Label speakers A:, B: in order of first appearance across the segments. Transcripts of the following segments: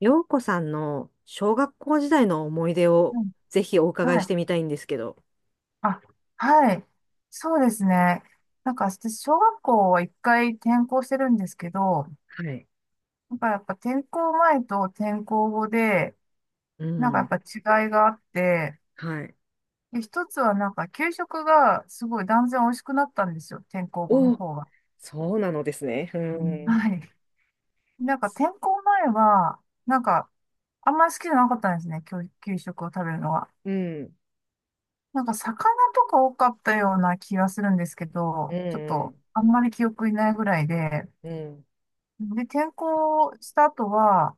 A: 洋子さんの小学校時代の思い出を
B: うん、
A: ぜひお伺い
B: は
A: し
B: い。
A: てみたいんですけど。
B: あ、はい。そうですね。私小学校は一回転校してるんですけど、
A: はい。
B: なんかやっぱ転校前と転校後で、
A: う
B: なんかやっ
A: ん。
B: ぱ違いがあって、
A: はい。
B: で、一つはなんか給食がすごい断然美味しくなったんですよ。転校後の
A: おお、
B: 方が。
A: そうなのですね。うう
B: はい。なんか転校前は、なんかあんまり好きじゃなかったんですね。給食を食べるのは。
A: ん。ん。
B: なんか魚とか多かったような気がするんですけ
A: う
B: ど、ちょっと
A: ん。
B: あんまり記憶にないぐらいで、
A: うん。う
B: で、転校した後は、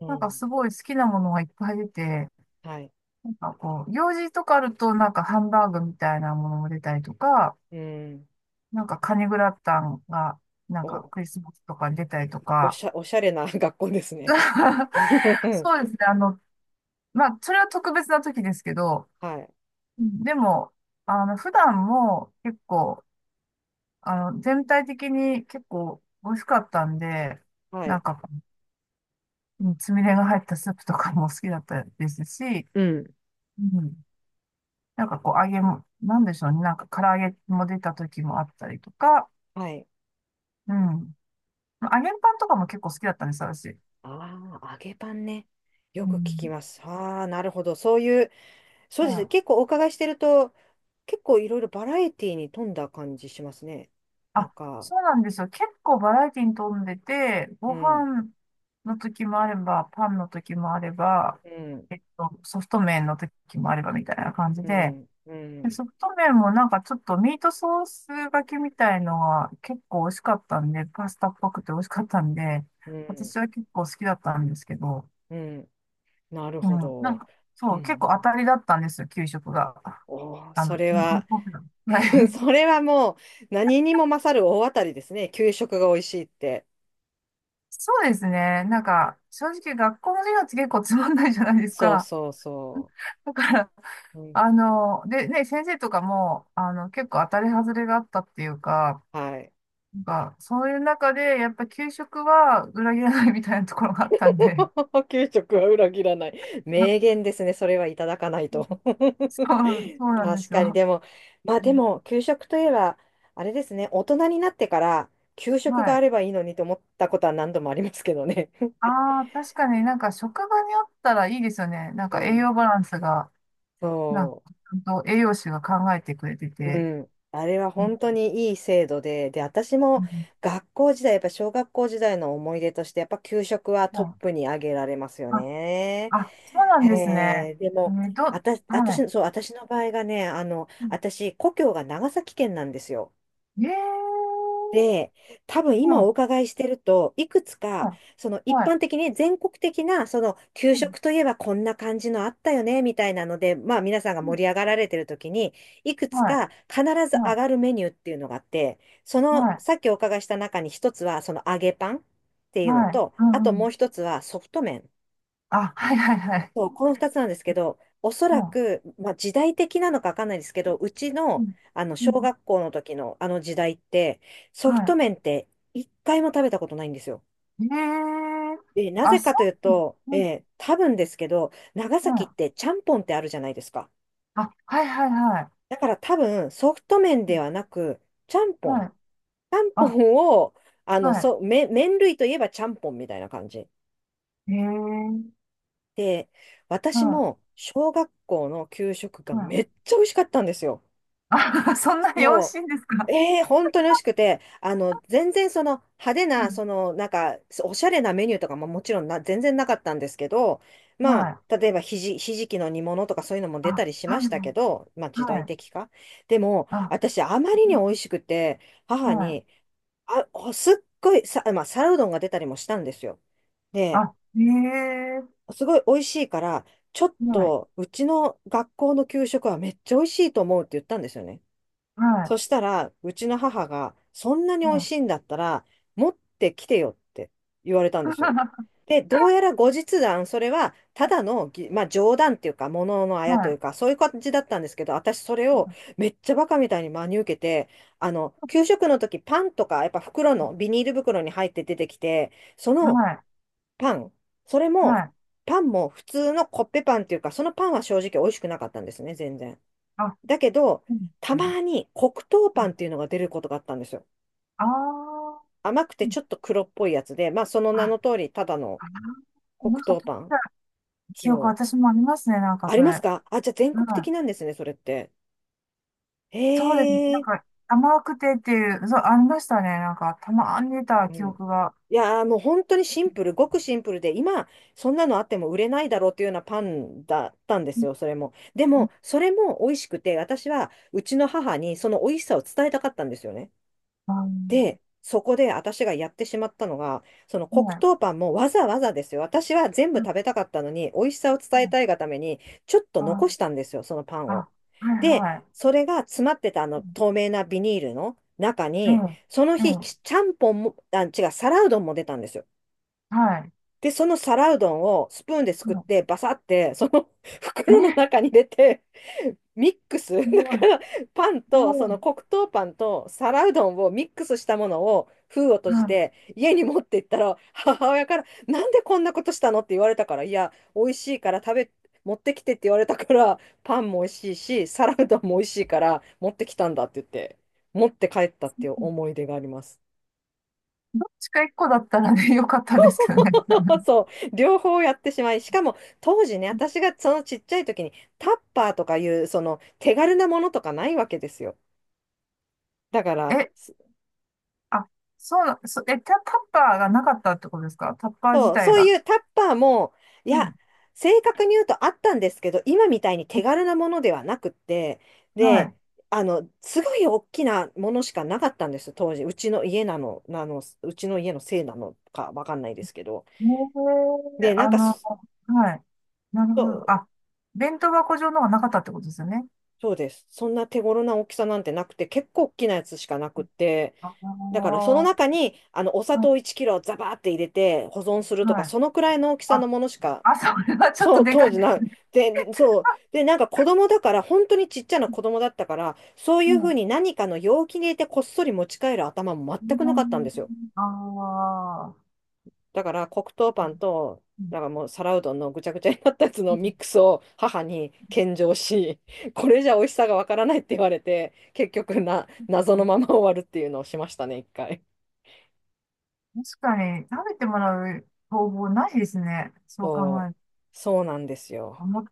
A: ん。
B: なん
A: う
B: か
A: ん。
B: すごい好きなものがいっぱい出て、
A: はい。
B: なんかこう、用事とかあるとなんかハンバーグみたいなものも出たりとか、
A: うん。
B: なんかカニグラタンが、なんか
A: お、
B: クリスマスとかに出たりと
A: お
B: か、
A: しゃ、おしゃれな 学校ですね。は
B: そうですね。まあ、それは特別な時ですけど、
A: い。
B: でも、あの、普段も結構あの、全体的に結構美味しかったんで、
A: は
B: なん
A: い。
B: か、うんつみれが入ったスープとかも 好きだったですし、
A: うん。
B: うん、なんかこう揚げも、なんでしょうね、なんか唐揚げも出た時もあったりとか、
A: はい。
B: うん。揚げパンとかも結構好きだったんです、私。
A: ああ、揚げパンね。
B: う
A: よく聞き
B: ん。
A: ます。ああ、なるほど。そういうそうで
B: は
A: すね。
B: い。
A: 結構お伺いしてると、結構いろいろバラエティに富んだ感じしますね。なん
B: あ、
A: か、
B: そうなんですよ。結構バラエティに富んでて、
A: う
B: ご
A: ん、
B: 飯の時もあれば、パンの時もあれば、
A: うん、
B: ソフト麺の時もあればみたいな感じ
A: う
B: で、
A: ん、う
B: で
A: ん、
B: ソフト麺もなんかちょっとミートソースがけみたいのが結構美味しかったんで、パスタっぽくて美味しかったんで、
A: うん、
B: 私は結構好きだったんですけど、
A: うん。なる
B: う
A: ほ
B: ん、
A: ど。う
B: そう、結構当
A: ん。
B: たりだったんですよ、給食が。
A: おー、
B: あ
A: そ
B: の、
A: れ
B: に日
A: は
B: 本の。はい。
A: それはもう何にも勝る大当たりですね。給食が美味しいって。
B: そうですね。なんか、正直学校の授業って結構つまんないじゃないです
A: そう
B: か。
A: そうそ
B: だから、
A: う。うん、
B: あの、でね、先生とかも、あの、結構当たり外れがあったっていうか、
A: はい。
B: なんか、そういう中で、やっぱ給食は裏切らないみたいなところがあったんで、
A: 給食は裏切らない。
B: うん
A: 名言ですね。それはいただかないと。
B: そう、そう なんで
A: 確
B: す
A: かに。
B: よ。
A: でも、まあ
B: う
A: で
B: ん
A: も、給食といえば、あれですね。大人になってから、給食
B: は
A: があ
B: い。
A: ればいいのにと思ったことは何度もありますけどね。
B: ああ、確かになんか職場にあったらいいですよね。なん
A: う
B: か栄
A: ん。
B: 養バランスが、なんか、
A: そう。
B: ちゃんと栄養士が考えてくれて
A: う
B: て。
A: ん。あれは
B: うん
A: 本当にいい制度で、で、私
B: う
A: も
B: ん
A: 学校時代、やっぱ小学校時代の思い出として、やっぱ給食は
B: は
A: トッ
B: い。
A: プに挙げられますよ
B: あ、
A: ね。
B: あ、そうな
A: へ
B: んですね。
A: え、で
B: え
A: も、
B: ー、ど、
A: 私、
B: は
A: 私
B: い。
A: の、そう、私の場合がね、
B: うん
A: 私、故郷が長崎県なんですよ。
B: ええ
A: で、多分今お
B: は
A: 伺いしてると、いくつか、
B: い、
A: その一
B: はい、
A: 般的に全国的な、その給
B: はい、うん
A: 食といえばこんな感じのあったよね、みたいなので、まあ皆さんが
B: うん
A: 盛り上がられてる時に、いくつ
B: はい、
A: か必ず上
B: は
A: がるメニューっていうのがあって、そ
B: い、
A: の、
B: はい、
A: さっきお伺いした中に一つは、その揚げパンっていうの
B: はい、
A: と、
B: う
A: あ
B: ん
A: と
B: う
A: もう
B: ん
A: 一つはソフト麺。
B: あ、はいはいはい。
A: そう、この二つなんですけど、おそら
B: も
A: く、まあ、時代的なのかわかんないですけど、うち
B: う、う
A: の、
B: ん、
A: あの、
B: う
A: 小
B: ん、
A: 学校の時のあの時代って、ソフト
B: は
A: 麺って一回も食べたことないんですよ。
B: い。ええー
A: で、な
B: あ、
A: ぜ
B: そ
A: かという
B: う、
A: と、
B: うん、
A: 多分ですけど、長
B: は
A: 崎っ
B: い。
A: てちゃんぽんってあるじゃないですか。
B: あ、はいはいはい。
A: だから多分、ソフト麺ではなく、ちゃんぽ
B: は
A: ん。
B: い。
A: ちゃんぽ
B: あ、
A: んを、あの、
B: は
A: そう、麺類といえばちゃんぽんみたいな感じ。
B: い。ええー
A: で、私
B: は
A: も小学校の給食が
B: い、は
A: めっ
B: い。
A: ちゃ美味しかったんですよ。
B: あ、そんなに美味し
A: そ
B: いんです
A: う、
B: か。
A: ええ本当に美味しくて、あの、全然その派手
B: う
A: な、
B: ん、
A: その、なんか、おしゃれなメニューとかももちろんな、全然なかったんですけど、ま
B: はい。
A: あ、例えばひじきの煮物とかそういうのも
B: あ、
A: 出たりしま
B: は
A: し
B: い
A: た
B: は
A: け
B: い、
A: ど、まあ時
B: は
A: 代
B: い。
A: 的か。でも、
B: あ、
A: 私、あまりに美味しくて、母
B: はい。
A: に、あ、おすっごいさ、まあ、皿うどんが出たりもしたんですよ。で、
B: あ、ええ
A: すごい美味しいから、ちょっ
B: ーはい、
A: と、うちの学校の給食はめっちゃ美味しいと思うって言ったんですよね。
B: は
A: そしたら、うちの母が、そんなに
B: い、
A: 美味
B: は
A: しいんだったら、持ってきてよって言われた
B: い。
A: んですよ。で、どうやら後日談、それは、ただの、まあ、冗談っていうか、もののあ
B: は
A: やとい
B: い、
A: うか、そういう感じだったんですけど、私、それをめっちゃバカみたいに真に受けて、あの、給食の時、パンとか、やっぱ袋の、ビニール袋に入って出てきて、そ
B: は
A: の
B: い、
A: パン、それ
B: は
A: も、
B: い。
A: パンも普通のコッペパンっていうか、そのパンは正直美味しくなかったんですね、全然。
B: あ、
A: だけど、
B: うん、
A: た
B: うん
A: まに黒糖
B: う
A: パ
B: ん
A: ンっていうのが出ることがあったんですよ。
B: あー
A: 甘くて
B: うん
A: ちょっと黒っぽいやつで、まあその名
B: あ、
A: の通り、ただの
B: あー、
A: 黒
B: なんか
A: 糖
B: 食べ
A: パン。
B: た記憶、
A: そう。
B: 私もありますね、なんか
A: あ
B: そ
A: り
B: れ。
A: ま
B: は
A: す
B: い。
A: かあ、じゃあ全国的なんですね、それって。
B: そうですね。
A: へ
B: なん
A: え。
B: か、甘くてっていう、そう、ありましたね。なんか、たまに出た
A: う
B: 記
A: ん。
B: 憶が。
A: いやーもう本当にシンプル、ごくシンプルで、今、そんなのあっても売れないだろうっていうようなパンだったんで
B: う
A: す
B: ん
A: よ、それも。で
B: うん
A: も、それも美味しくて、私はうちの母にその美味しさを伝えたかったんですよね。で、
B: あ
A: そこで私がやってしまったのが、その
B: の
A: 黒
B: はい。
A: 糖パンもわざわざですよ。私は全部
B: うん
A: 食べたかったのに、美味しさを
B: う
A: 伝え
B: ん
A: たいがために、ちょっと
B: あ、
A: 残したんですよ、そのパン
B: あ、
A: を。
B: はい
A: で、
B: はい。
A: それが詰まってたあ
B: う
A: の
B: ん
A: 透明なビニールの中
B: え
A: に、その
B: え、え
A: 日、ち
B: え、
A: ちゃんぽんも、あ、違う、皿うどんも出たんですよ。
B: はい。
A: で、その皿うどんをスプーンです
B: う
A: くっ
B: ん
A: て、バサって、その
B: え
A: 袋の
B: え、
A: 中に入れて、ミック
B: す
A: ス だ
B: ごい、す
A: からパンとそ
B: ご
A: の
B: い。
A: 黒糖パンと皿うどんをミックスしたものを封を閉
B: う
A: じ
B: ん
A: て家に持って行ったら母親から「なんでこんなことしたの？」って言われたから「いや美味しいから持ってきて」って言われたからパンも美味しいし皿うどんも美味しいから持ってきたんだって言って持って帰ったっていう思い出があります。
B: どっちか一個だったらね、よかったんですけどね。多 分
A: そう、両方やってしまい、しかも当時ね、私がそのちっちゃい時にタッパーとかいうその手軽なものとかないわけですよ。だから、
B: え、あ、そうな、そ、え、タ、タッパーがなかったってことですか。タッパー自
A: そう、
B: 体
A: そうい
B: が。
A: うタッパーも、い
B: う
A: や、
B: ん
A: 正確に言うとあったんですけど、今みたいに手軽なものではなくって、
B: は
A: で、
B: い。
A: あの、すごい大きなものしかなかったんです、当時。うちの家のせいなのかわかんないですけど。
B: ねえ
A: で、
B: あの、はい。なる
A: そ
B: ほど。
A: う、
B: あ、弁当箱状のがなかったってことですよね。
A: そうです。そんな手頃な大きさなんてなくて、結構大きなやつしかなくって、
B: あ
A: だから
B: あ、
A: その中に、あの、お砂
B: は
A: 糖
B: い。
A: 1キロザバーって入れて保存するとか、
B: はい。
A: そのくらいの大きさの
B: あ、
A: ものしか、
B: あ、それはちょっと
A: そう、
B: でか
A: 当
B: い。
A: 時な、で、でそう。で、なんか子供だから、本当にちっちゃな子 供だったから、そういうふう
B: も
A: に何かの容器に入れてこっそり持ち帰る頭も全くなかっ
B: う、
A: たんですよ。
B: ああー、
A: だから黒糖パンと、
B: うん
A: なんかもう皿うどんのぐちゃぐちゃになったやつ
B: う
A: のミ
B: ん
A: ックスを母に献上し、これじゃ美味しさがわからないって言われて、結局な、
B: う
A: 謎の
B: ん
A: まま終わるっていうのをしましたね、一回。
B: 確かに食べてもらう方法ないですね。そう考
A: そ
B: える
A: う、そうなんです
B: と。
A: よ。
B: 持って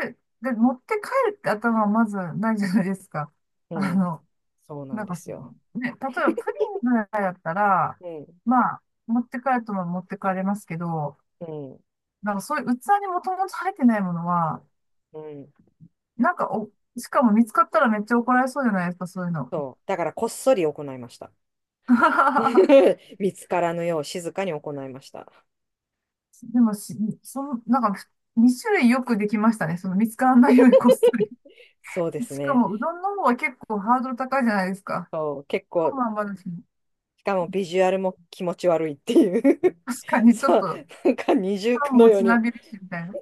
B: 帰る。で、持って帰るって頭はまずないじゃないですか。
A: う
B: あ
A: ん、
B: の、
A: そうなん
B: なん
A: で
B: かそ
A: す
B: の、ね、
A: よ。
B: 例えばプリンぐらいだったら、
A: うん、
B: まあ、持って帰るとも持って帰れますけど、
A: うん、
B: なんかそういう器にもともと入ってないものは、
A: うん。
B: なんかお、しかも見つかったらめっちゃ怒られそうじゃないですか、そういうの。
A: そう。だからこっそり行いました。見つからぬよう静かに行いました。
B: でもし、その、なんか、2種類よくできましたね。その見つからないよりこっそり。
A: そうです
B: しか
A: ね。
B: も、うどんの方は結構ハードル高いじゃないですか。
A: そう、結
B: パン
A: 構、
B: も余るし、
A: しかもビジュアルも気持ち悪いっていう
B: 確か にちょっ
A: そう、
B: と、
A: なんか二重
B: パ
A: 苦
B: ン
A: の
B: も
A: よう
B: つ
A: に。
B: なびるし、みたいな。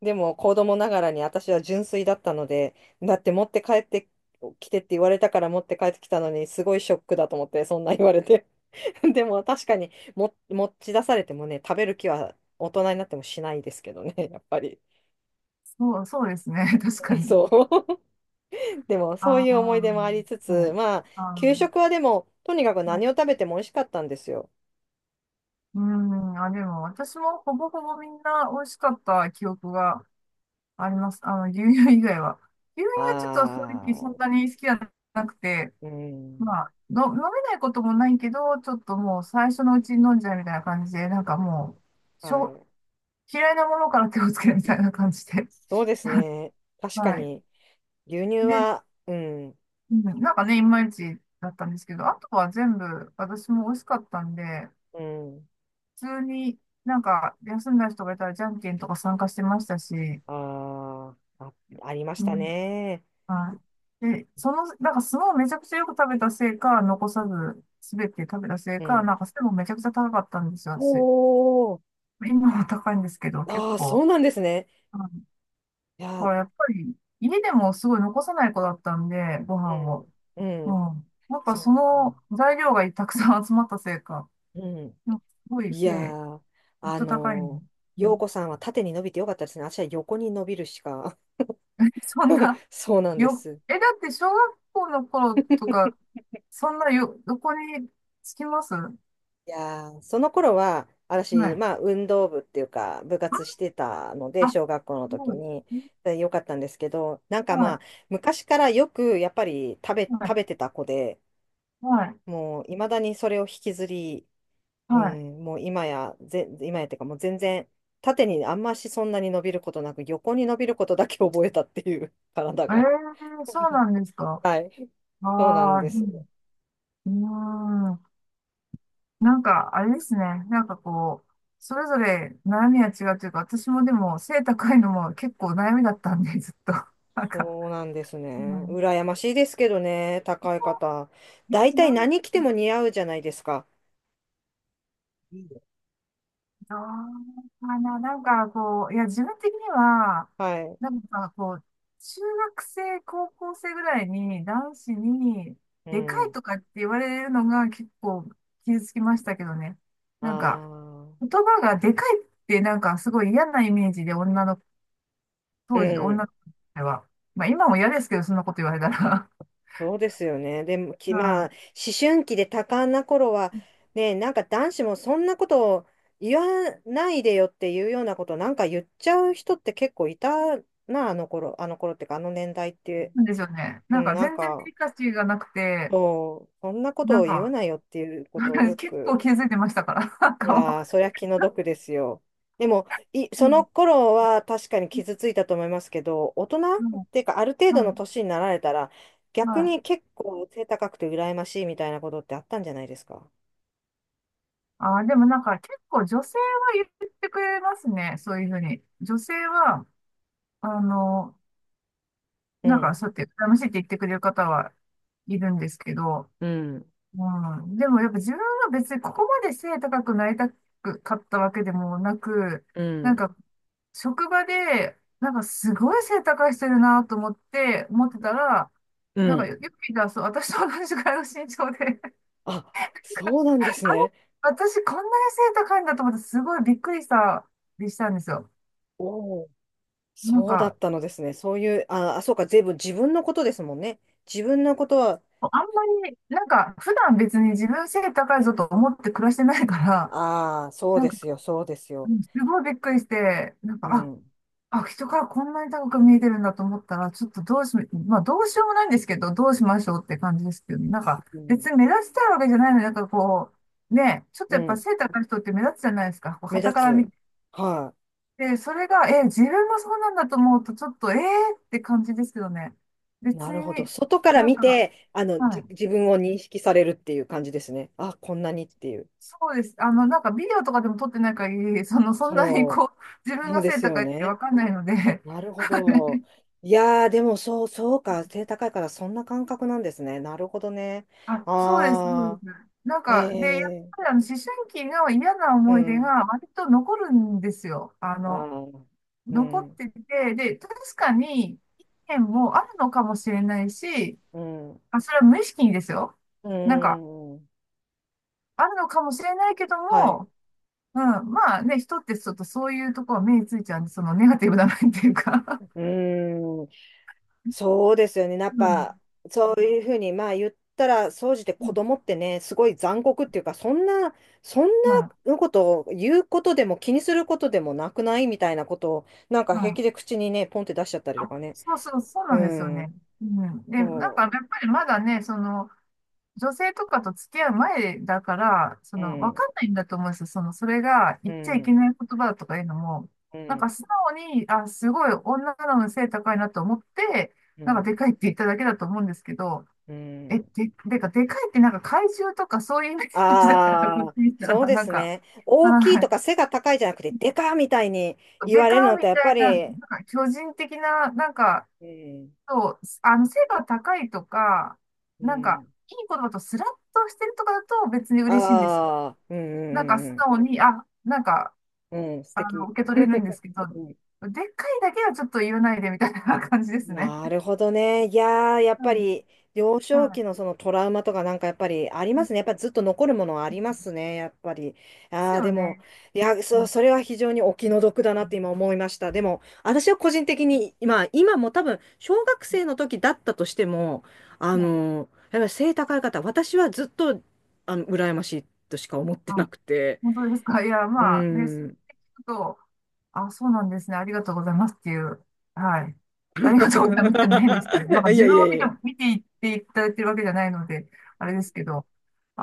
A: でも子供ながらに私は純粋だったので、だって持って帰ってきてって言われたから持って帰ってきたのに、すごいショックだと思って、そんな言われて。でも確かにも持ち出されてもね、食べる気は大人になってもしないですけどね、やっぱり。
B: そう、そうですね。確か に。
A: そう。でも、そう
B: あ
A: いう思い出も
B: あ、
A: ありつ
B: は
A: つ、
B: い。
A: まあ、
B: あ
A: 給
B: の、
A: 食はでも、とにかく
B: ま
A: 何を食べても美味しかったんですよ。
B: うん、あ、でも私もほぼほぼみんな美味しかった記憶があります。あの、牛乳以外は。牛乳はちょっと正
A: あ
B: 直そんな
A: あ、
B: に好きじゃなくて、
A: うん。
B: まあ、の、飲めないこともないけど、ちょっともう最初のうちに飲んじゃうみたいな感じで、なんかもう、
A: は
B: しょ、
A: い。
B: 嫌いなものから手をつけるみたいな感じで。
A: そうですね。確か
B: はい。
A: に、牛乳
B: で、
A: は、うん、
B: うん、なんかね、いまいちだったんですけど、あとは全部私も美味しかったんで、
A: うん、
B: 普通になんか休んだ人がいたらじゃんけんとか参加してましたし、
A: あーあ、ありまし
B: う
A: た
B: ん。
A: ね。
B: はい。で、その、なんか相撲をめちゃくちゃよく食べたせいか、残さず、すべて食べたせい
A: う
B: か、
A: ん。
B: なんか背もめちゃくちゃ高かったんですよ、
A: お
B: 私。
A: お、
B: 今は高いんですけど、結
A: ああ、そ
B: 構。
A: うなんですね。
B: うん
A: い
B: こ
A: や、
B: れやっぱり、家でもすごい残さない子だったんで、ご飯を。
A: う
B: う
A: ん、
B: ん。
A: うん、
B: やっぱそ
A: そう
B: の
A: か。
B: 材料がたくさん集まったせいか、
A: うん。
B: なんかすごい
A: いや
B: せ
A: ー、
B: い、ずっ
A: あ
B: と高いの。
A: の
B: う
A: 陽
B: ん
A: 子さんは縦に伸びてよかったですね。私は横に伸びるしか。
B: そん な、
A: そうなんです。
B: だって小学校の頃とか、そんなよ、どこにつきますは
A: いやー、その頃は、私、まあ、
B: い。
A: 運動部っていうか、部活してたので、
B: あ、
A: 小学校の
B: す
A: 時
B: ごい。
A: に、でよかったんですけど、なんか
B: は
A: まあ、
B: い、
A: 昔からよく、やっぱり食べ、
B: は
A: 食
B: い、
A: べてた子で、
B: はい、
A: もう、いまだにそれを引きずり、う
B: はい。
A: ん、もう今や、今やっていうか、もう全然、縦にあんましそんなに伸びることなく、横に伸びることだけ覚えたっていう、体
B: ええ
A: が。
B: ー、そう なんですか。
A: はい、
B: あ
A: そうなん
B: あ、う
A: です。
B: ん。うーんなんか、あれですね。なんかこう、それぞれ悩みは違うというか、私もでも背高いのも結構悩みだったんで、ずっと。なんか、
A: そうなんです
B: う
A: ね。
B: ん。
A: 羨ましいですけどね、高い方。
B: よ
A: 大
B: くな
A: 体何
B: い。
A: 着ても似合うじゃないですか。
B: あーあの、なんかこう、いや、自分的には、
A: はい。
B: なんかこう、中学生、高校生ぐらいに男子に、
A: う
B: でかい
A: ん。
B: とかって言われるのが結構傷つきましたけどね。
A: あ
B: なんか、言
A: あ。
B: 葉がでかいってなんかすごい嫌なイメージで女の、
A: う
B: 当時、女
A: ん。
B: の子では。まあ今も嫌ですけど、そんなこと言われたら。
A: そうですよね。でも、まあ、
B: は
A: 思春期で多感な頃は、
B: い。
A: ね、なんか男子もそんなことを言わないでよっていうようなことなんか言っちゃう人って結構いたな、あの頃っていうか、あの年代って。
B: なんでしょうね。
A: う
B: なん
A: ん、
B: か
A: なん
B: 全然デ
A: か、
B: リカシーがなくて、
A: そう、そんなこ
B: な
A: とを
B: ん
A: 言わ
B: か、
A: ないよっていうことをよ
B: 結
A: く
B: 構気づいてましたから、なん
A: い
B: かも
A: やー、そりゃ気の毒ですよ。でも、
B: う
A: その
B: ん
A: 頃は確かに傷ついたと思いますけど、大人っていう
B: は
A: か、ある程
B: い、
A: 度
B: は
A: の
B: い、
A: 年になられたら、
B: は
A: 逆
B: い。
A: に結構背高くて羨ましいみたいなことってあったんじゃないですか。
B: ああ、でもなんか結構女性は言ってくれますね。そういうふうに。女性は、あの、
A: う
B: なんか
A: ん。
B: そうやって羨ましいって言ってくれる方はいるんですけど、
A: うん、
B: うん。でもやっぱ自分は別にここまで背高くなりたくかったわけでもなく、
A: う
B: なん
A: ん、
B: か職場で、なんかすごい背高い人いるなと思って、思ってたら、
A: う
B: なんか
A: ん。
B: よよく見たら、そう、私と同じくらいの身長で
A: あ、そうなん
B: あ
A: で
B: れ
A: すね。
B: 私、こんなに背高いんだと思って、すごいびっくりした、でしたんですよ。
A: おお、
B: なん
A: そうだっ
B: か、
A: たのですね。そういう、あ、あそうか、全部自分のことですもんね。自分のことは、
B: あんまり、なんか、普段別に自分背高いぞと思って暮らしてないから、
A: ああ、そう
B: なん
A: で
B: か、
A: すよ、そうです
B: う
A: よ。
B: ん、すごいびっくりして、なん
A: う
B: か、
A: ん、
B: あ、人からこんなに高く見えてるんだと思ったら、ちょっとどうし、まあ、どうしようもないんですけど、どうしましょうって感じですけどね。なんか、
A: う
B: 別
A: ん、
B: に目立ちたいわけじゃないのに、なんかこう、ね、ちょっと
A: う
B: やっぱ
A: ん、
B: 背高い人って目立つじゃないですか。こう、
A: 目
B: 傍
A: 立
B: から見
A: つ。はい。
B: で、それが、え、自分もそうなんだと思うと、ちょっと、えーって感じですけどね。別
A: なるほど。
B: に、
A: 外から
B: なん
A: 見
B: か、
A: て、あの、
B: はい。
A: 自分を認識されるっていう感じですね。あ、こんなにっていう。
B: そうです。なんかビデオとかでも撮ってない限り、その、そんなに
A: そ
B: こう、自
A: う、
B: 分
A: そう
B: が
A: で
B: 背
A: すよ
B: 高いって
A: ね。
B: わかんないので、
A: なるほど。いやー、でもそう、そうか。背高いからそんな感覚なんですね。なるほどね。
B: あ、そうです、そうで
A: あ
B: す。なん
A: ー、
B: か、で、やっ
A: え
B: ぱり思春期の嫌な
A: ー、う
B: 思い出
A: ん。
B: が割と残るんですよ。
A: あー、う
B: 残っ
A: ん、
B: てて、で、確かに、意見もあるのかもしれないし、
A: うん、
B: あ、それは無意識にですよ。
A: う
B: なんか、
A: ん。
B: あるのかもしれないけど
A: はい。
B: も、うん、まあね、人ってちょっとそういうところ目についちゃうんで、そのネガティブな面っていうか、
A: うん。そうですよね。やっ
B: う
A: ぱ、
B: ん、
A: そういうふうに、まあ言ったら、総じて
B: う
A: 子
B: ん、
A: 供ってね、すごい残酷っていうか、そんな、そん
B: まあ、
A: なことを言うことでも気にすることでもなくないみたいなことを、なんか
B: ま
A: 平
B: あ、
A: 気で口にね、ポンって出しちゃったりと
B: あ、
A: かね。
B: そうそう、そう
A: う
B: なんですよ
A: ん。
B: ね。うん。で、なんかや
A: そ
B: っぱりまだね、その、女性とかと付き合う前だから、そ
A: う。う
B: の、わ
A: ん。
B: かんないんだと思うんですよ。その、それが
A: う
B: 言っちゃいけ
A: ん。
B: ない言葉だとかいうのも、
A: う
B: なんか
A: ん。
B: 素直に、あ、すごい女なのに背高いなと思って、
A: う
B: なんかで
A: ん。
B: かいって言っただけだと思うんですけど、
A: う
B: え、で、
A: ん。
B: でかいってなんか怪獣とかそういうイメージだから、こ
A: あ
B: っち
A: あ、
B: 見たら、
A: そうで
B: なん
A: す
B: か、
A: ね。大きい
B: は
A: と
B: い。
A: か背が高いじゃなくて、でかみたいに言
B: で
A: わ
B: か
A: れるの
B: ー
A: っ
B: み
A: て、やっ
B: た
A: ぱ
B: い
A: り、
B: な、なんか巨人的な、なんか、
A: うん。
B: そう、背が高いとか、
A: う
B: なんか、
A: ん。
B: いい言葉とスラッとしてるとかだと別に嬉しいんですよ。
A: ああ、うん
B: なんか
A: う
B: 素
A: んうん
B: 直に、あ、なんか、
A: うん。うん、素敵。
B: 受け取れるんで すけど、
A: うん
B: でっかいだけはちょっと言わないでみたいな感じですね。
A: なるほどね。いやー、やっ
B: う
A: ぱ
B: ん。
A: り幼少
B: は
A: 期のそのトラウマとかなんかやっぱりあり
B: い。
A: ますね。
B: で
A: やっぱりずっと残るものはありますね。やっぱり。あ
B: す
A: あ、
B: よ
A: でも、
B: ね。
A: いや、
B: うん。
A: それは非常にお気の毒だなって今思いました。でも、私は個人的に、まあ今も多分、小学生の時だったとしても、あ
B: うん。
A: のーやっぱり背高い方、私はずっと、あの、羨ましいとしか思ってな
B: あ、
A: くて。
B: 本当ですか？いや、
A: う
B: まあ、ね、そう
A: ん。
B: 聞くと、あ、そうなんですね。ありがとうございますっていう。はい。ありがとうございますっていうの変ですけど、なんか
A: い
B: 自
A: やい
B: 分
A: や
B: を見
A: い
B: て、
A: や。
B: 見ていっていただいてるわけじゃないので、あれですけど、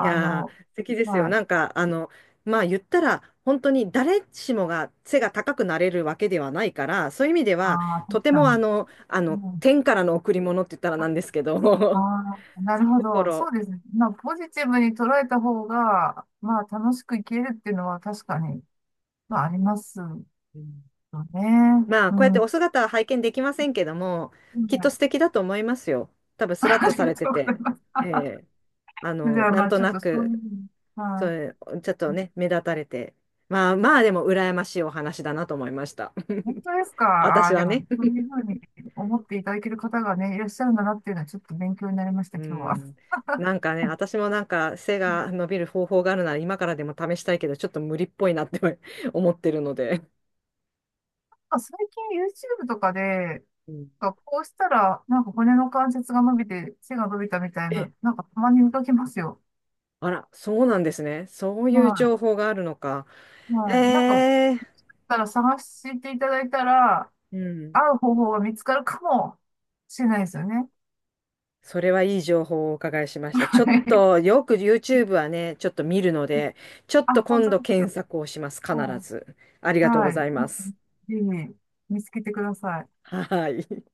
A: いやー、
B: の、
A: 素敵ですよ。
B: は
A: な
B: い。
A: んか、あの、まあ言ったら、本当に誰しもが背が高くなれるわけではないから、そういう意味で
B: あ
A: は、
B: あ、確
A: とて
B: か
A: もあ
B: に。
A: の、あ
B: う
A: の、
B: ん、
A: 天からの贈り物って言ったらな
B: あ
A: んですけど、そ
B: あー、なる
A: うい
B: ほ
A: うとこ
B: ど。そう
A: ろ、
B: ですね。まあ、ポジティブに捉えた方が、まあ、楽しく生きれるっていうのは確かに、まあ、ありますよ
A: うん
B: ね。
A: まあ、
B: う
A: こうやっ
B: ん。う
A: てお
B: ん。
A: 姿は拝見できませんけども、きっと素敵だと思いますよ。多分、スラッ
B: あ
A: と
B: り
A: さ
B: が
A: れて
B: とうござい
A: て、
B: ます。
A: ええあ
B: じ
A: の、
B: ゃあ、
A: な
B: ま
A: ん
B: あ、
A: と
B: ちょっ
A: な
B: とそうい
A: く、
B: う、
A: そ
B: はい。
A: れ、ちょっとね、目立たれて。まあまあ、でも、羨ましいお話だなと思いました。
B: 本当ですか？ああ
A: 私
B: ー、で
A: は
B: も、
A: ね。
B: そう いうふうに思っていただける方がね、いらっしゃるんだなっていうのはちょっと勉強になりました、
A: う
B: 今日は。
A: ん。なんかね、私もなんか背が
B: ま
A: 伸びる方法があるなら今からでも試したいけど、ちょっと無理っぽいなって 思ってるので。
B: あ最近 YouTube とかで、
A: うん
B: なんかこうしたら、なんか骨の関節が伸びて背が伸びたみたい
A: え、
B: な、なんかたまに見かけますよ。
A: あら、そうなんですね。そういう
B: は
A: 情報があるのか。
B: い。
A: え
B: はい。なんか、も
A: ー
B: しかしたら探していただいたら、
A: うん。
B: 合う方法が見つかるかもしれないですよね。
A: それはいい情報をお伺いしまし
B: は
A: た。ちょっ
B: い。
A: と、よく YouTube はね、ちょっと見るの で、ちょっ
B: あ、
A: と
B: 本
A: 今
B: 当
A: 度
B: です
A: 検
B: か。
A: 索をします。必
B: は
A: ず。あり
B: い。
A: がとうご
B: はい。
A: ざい
B: ぜ
A: ます。
B: ひ見つけてください。
A: はい。